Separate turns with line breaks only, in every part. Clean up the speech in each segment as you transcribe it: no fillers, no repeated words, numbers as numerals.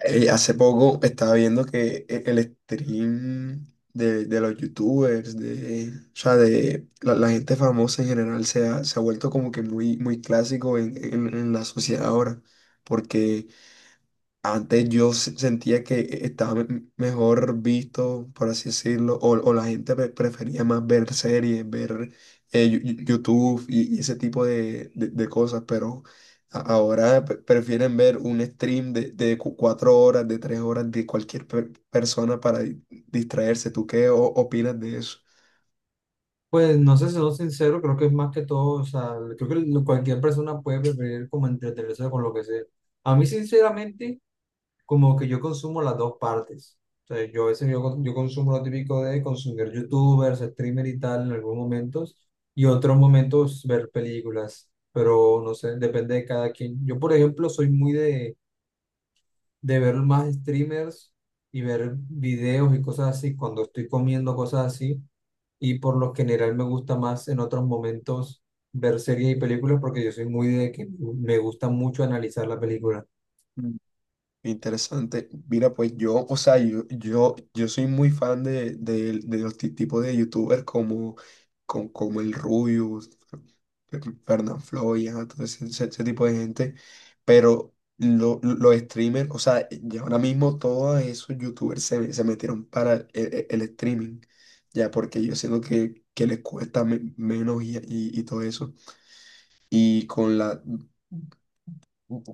Hace poco estaba viendo que el stream de los youtubers, de, o sea, de la gente famosa en general se ha vuelto como que muy clásico en, en la sociedad ahora, porque antes yo sentía que estaba mejor visto, por así decirlo, o la gente prefería más ver series, ver YouTube y ese tipo de, de cosas, pero ahora prefieren ver un stream de cuatro horas, de tres horas de cualquier persona para distraerse. ¿Tú qué opinas de eso?
Pues no sé, siendo sincero, creo que es más que todo, o sea, creo que cualquier persona puede preferir como entretenerse con lo que sea. A mí, sinceramente, como que yo consumo las dos partes. O sea, yo a veces yo, con- yo consumo lo típico de consumir youtubers, streamer y tal en algunos momentos, y otros momentos ver películas, pero no sé, depende de cada quien. Yo, por ejemplo, soy muy de ver más streamers y ver videos y cosas así cuando estoy comiendo cosas así, y por lo general me gusta más en otros momentos ver series y películas, porque yo soy muy de que me gusta mucho analizar la película.
Interesante. Mira, pues yo, o sea, yo soy muy fan de, de los tipos de youtubers como, como el Rubius, Fernán Floyd, ajá, todo ese, ese tipo de gente. Pero los streamers, o sea, ya ahora mismo todos esos youtubers se metieron para el, el streaming, ya porque yo siento que les cuesta menos y todo eso. Y con la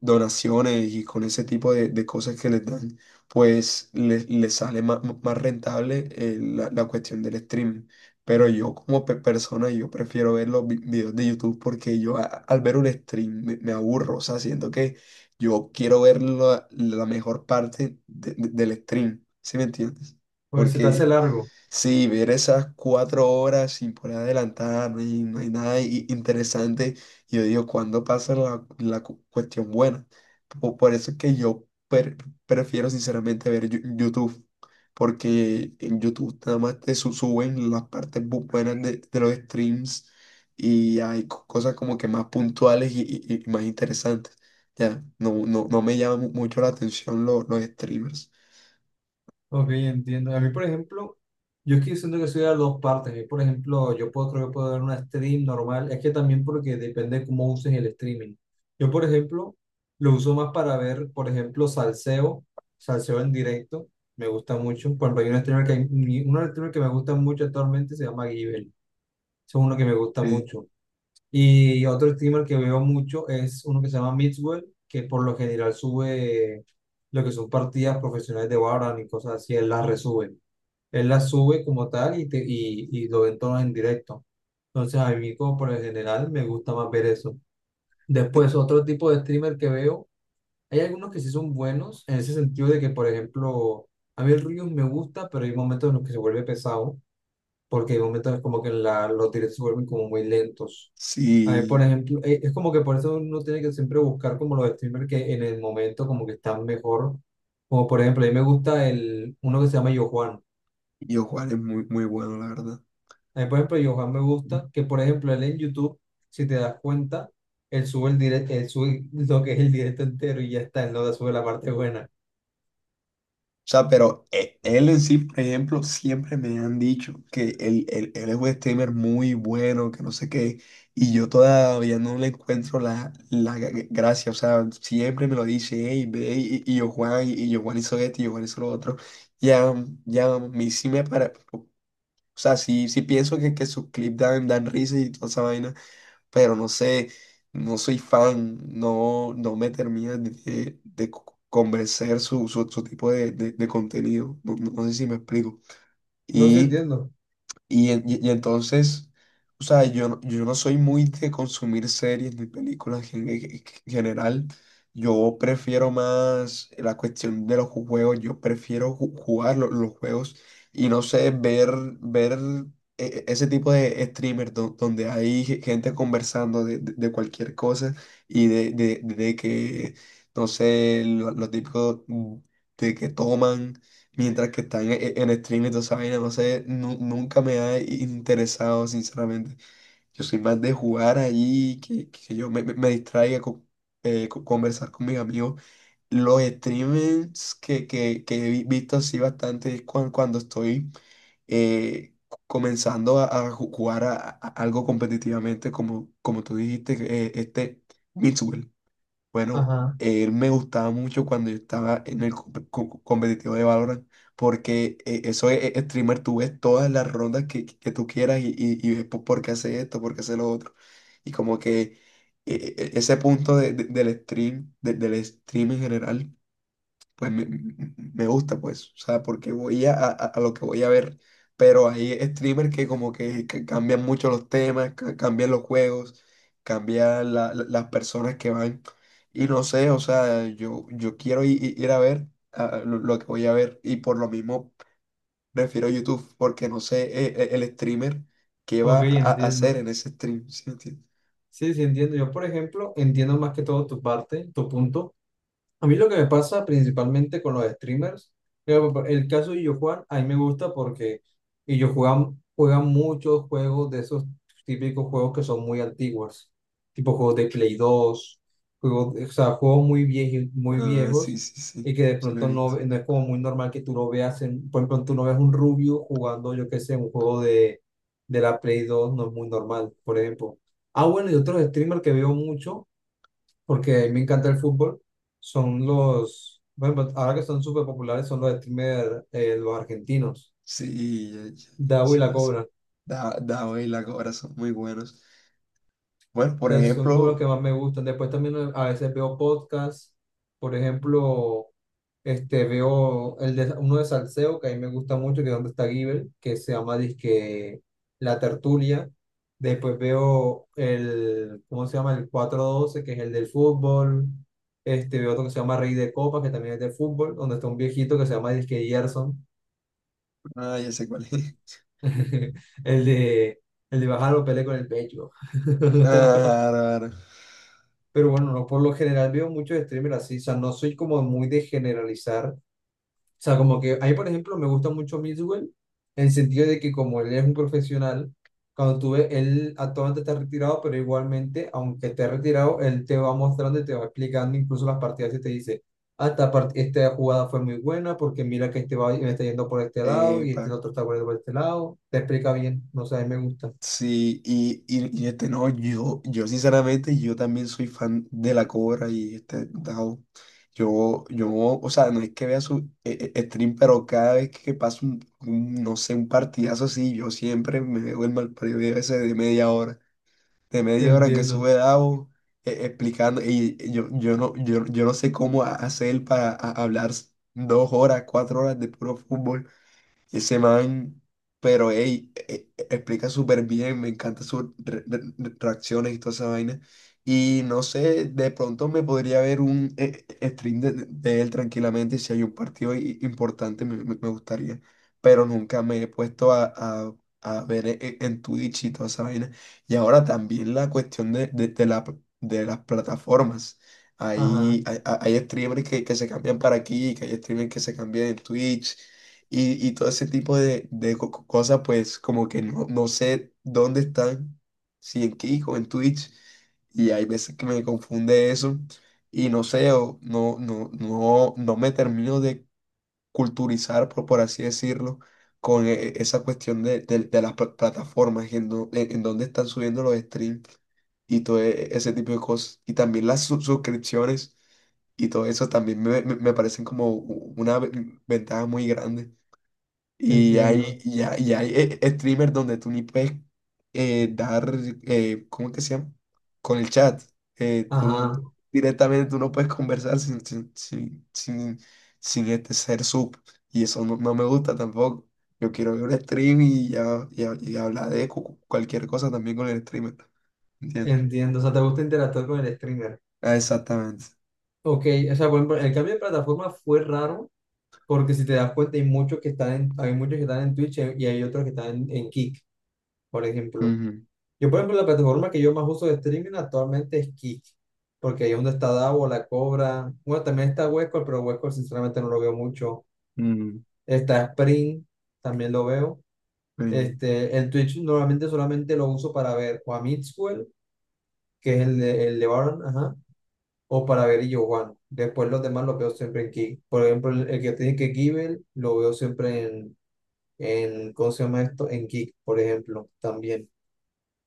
donaciones y con ese tipo de cosas que les dan, pues les sale más rentable la, la cuestión del stream. Pero yo como persona, yo prefiero ver los videos de YouTube porque yo al ver un stream me aburro, o sea, siento que yo quiero ver la, la mejor parte del stream, ¿sí me entiendes?
Oye, se te hace
Porque
largo.
sí, ver esas cuatro horas sin poder adelantar, no hay nada interesante. Y yo digo, ¿cuándo pasa la, la cuestión buena? Por, eso es que yo prefiero sinceramente ver YouTube, porque en YouTube nada más te suben las partes buenas de los streams y hay cosas como que más puntuales y más interesantes. Ya, no, no, no me llama mucho la atención los streamers.
Ok, entiendo. A mí, por ejemplo, yo es que siento que soy de las dos partes. A mí, por ejemplo, yo puedo, creo que puedo ver una stream normal. Es que también porque depende de cómo uses el streaming. Yo, por ejemplo, lo uso más para ver, por ejemplo, salseo, salseo en directo. Me gusta mucho. Por ejemplo, hay un streamer que me gusta mucho actualmente, se llama Givel. Es uno que me gusta
Eh,
mucho. Y otro streamer que veo mucho es uno que se llama Mixwell, que por lo general sube lo que son partidas profesionales de Valorant y cosas así, él las resube. Él las sube como tal y lo ven todos en directo. Entonces a mí como por lo general me gusta más ver eso.
eh,
Después otro tipo de streamer que veo, hay algunos que sí son buenos en ese sentido de que, por ejemplo, a mí el Riot me gusta, pero hay momentos en los que se vuelve pesado, porque hay momentos como que la, los directos se vuelven como muy lentos a ver, por
Sí.
ejemplo, es como que por eso uno tiene que siempre buscar como los streamers que en el momento como que están mejor. Como por ejemplo, a mí me gusta el, uno que se llama Yo Juan.
Yo Juan es muy, muy bueno, la verdad. O
A mí, por ejemplo, Yo Juan me gusta que, por ejemplo, él en YouTube, si te das cuenta, él sube el directo, él sube lo que es el directo entero y ya está, él no la sube la parte buena.
sea, pero él en sí, por ejemplo, siempre me han dicho que él, él es un streamer muy bueno, que no sé qué, y yo todavía no le encuentro la, la gracia. O sea, siempre me lo dice, hey, ve, y yo Juan, y yo Juan hizo esto, y yo Juan hizo lo otro. Ya, ya, a mí sí me para. O sea, sí, sí pienso que sus clips dan, dan risa y toda esa vaina, pero no sé, no soy fan, no, no me termina de convencer su tipo de, de contenido, no, no sé si me explico.
No sé,
Y
entiendo.
y entonces, o sea, yo, yo no soy muy de consumir series ni películas en, en general. Yo prefiero más la cuestión de los juegos. Yo prefiero jugar los juegos y no sé, ver ese tipo de streamers donde hay gente conversando de, de cualquier cosa y de, no sé, lo típico de que toman. Mientras que están en stream y toda esa vaina, no sé, nunca me ha interesado, sinceramente. Yo soy más de jugar allí, que yo me distraiga con, conversar con mis amigos. Los streamers que he visto así bastante es cuando estoy comenzando a jugar a, algo competitivamente, como, como tú dijiste, este Mitsuel. Bueno,
Ajá.
él me gustaba mucho cuando yo estaba en el competitivo de Valorant, porque eso es streamer, tú ves todas las rondas que tú quieras y ves por qué hace esto, por qué hace lo otro. Y como que ese punto del stream, del stream en general pues me gusta, pues, o sea, porque voy a, a lo que voy a ver. Pero hay streamers que como que cambian mucho los temas, cambian los juegos, cambian las personas que van. Y no sé, o sea, yo quiero ir, a ver ah, lo que voy a ver. Y por lo mismo prefiero YouTube, porque no sé el streamer qué va
Ok,
a hacer
entiendo.
en ese stream. ¿Sí me entiendes?
Sí, sí, entiendo. Yo, por ejemplo, entiendo más que todo tu parte, tu punto. A mí lo que me pasa principalmente con los streamers, eh, el caso de Illo Juan, a mí me gusta porque Illo Juan juega muchos juegos de esos típicos juegos que son muy antiguos, tipo juegos de Play 2, juegos, o sea, juegos muy viejos, muy
Ah, sí,
viejos,
sí,
y
sí,
que de
sí lo he
pronto no,
visto.
no es como muy normal que tú lo veas, en, por ejemplo, tú no ves un rubio jugando, yo qué sé, un juego de la Play 2, no es muy normal, por ejemplo. Ah, bueno, y otros streamers que veo mucho porque a mí me encanta el fútbol, son los, bueno, ahora que son súper populares, son los streamers, los argentinos,
Sí,
Dabu y
sí,
la
ya sé.
Cobra.
Da, Dao y la cobra son muy buenos. Bueno, por
Sea, son como los
ejemplo,
que más me gustan. Después también, a veces veo podcasts, por ejemplo, este, veo el de, uno de Salseo, que a mí me gusta mucho, que es donde está Giver, que se llama disque La Tertulia. Después veo el, ¿cómo se llama? El 412, que es el del fútbol. Este, veo otro que se llama Rey de Copas, que también es del fútbol, donde está un viejito que se llama disque Gerson,
ah, ya sé cuál es.
el de, el de bajar los pele con el pecho.
Ah, claro, claro.
Pero bueno, no, por lo general veo muchos streamers así, o sea, no soy como muy de generalizar, o sea, como que ahí, por ejemplo, me gusta mucho Mixwell, en el sentido de que como él es un profesional, cuando tú ves, él actualmente está retirado, pero igualmente, aunque esté retirado, él te va mostrando y te va explicando incluso las partidas y te dice, ah, esta, esta jugada fue muy buena porque mira que este va me está yendo por este lado y
Epa.
este otro está por este lado, te explica bien, no sé, a mí me gusta.
Sí, y este no, yo sinceramente, yo también soy fan de la cobra y este Dao. Yo, o sea, no es que vea su stream, pero cada vez que pasa un, no sé, un partidazo así, yo siempre me veo el mal periodo ese de media hora, de media hora que
Entiendo,
sube Davo explicando yo yo no sé cómo hacer para hablar dos horas, cuatro horas de puro fútbol. Ese man, pero ey, explica súper bien, me encanta sus reacciones y toda esa vaina. Y no sé, de pronto me podría ver un stream de él tranquilamente. Si hay un partido importante, me gustaría. Pero nunca me he puesto a, a ver en Twitch y toda esa vaina. Y ahora también la cuestión de, de la, de las plataformas.
ajá,
Hay streamers que se cambian para aquí, que hay streamers que se cambian en Twitch y todo ese tipo de cosas, pues como que no, no sé dónde están, si en Kik o en Twitch, y hay veces que me confunde eso, y no sé, o no, no, no, no me termino de culturizar, por así decirlo, con esa cuestión de, de las plataformas, en, en dónde están subiendo los streams y todo ese tipo de cosas, y también las suscripciones y todo eso también me parecen como una ventaja muy grande.
entiendo,
Y hay, streamers donde tú ni puedes dar, ¿cómo que se llama? Con el chat. Tú
ajá.
directamente tú no puedes conversar sin este ser sub. Y eso no, no me gusta tampoco. Yo quiero ver un stream y, y hablar de cualquier cosa también con el streamer. ¿Entiendes?
Entiendo, o sea, te gusta interactuar con el streamer.
Ah, exactamente.
Ok, o sea, por ejemplo, el cambio de plataforma fue raro, porque si te das cuenta hay muchos que están en, hay muchos que están en Twitch, y hay otros que están en Kick, por ejemplo.
Ujú,
Yo, por ejemplo, la plataforma que yo más uso de streaming actualmente es Kick, porque ahí es donde está Davo, La Cobra, bueno, también está Huesco, pero Huesco sinceramente no lo veo mucho.
ujú,
Está Spring, también lo veo.
sí.
Este, el Twitch normalmente solamente lo uso para ver o a Mixwell, que es el de Baron, ajá, o para ver y Juan. Después los demás los veo siempre en Kick. Por ejemplo, el que tiene que Kibel lo veo siempre en, ¿cómo se llama esto? En Kick, por ejemplo, también.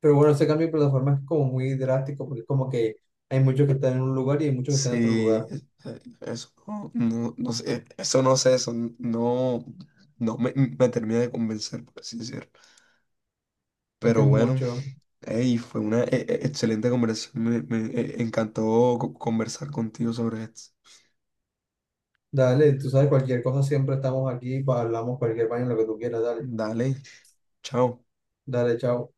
Pero bueno, ese cambio de plataforma es como muy drástico, porque es como que hay muchos que están en un lugar y hay muchos que están en otro lugar.
Sí, eso no, no, no sé, eso no sé, eso no, me termina de convencer, por así decirlo.
Es que
Pero
es
bueno,
mucho.
hey, fue una excelente conversación, me encantó conversar contigo sobre esto.
Dale, tú sabes, cualquier cosa siempre estamos aquí, hablamos cualquier baño, lo que tú quieras, dale,
Dale, chao.
dale, chao.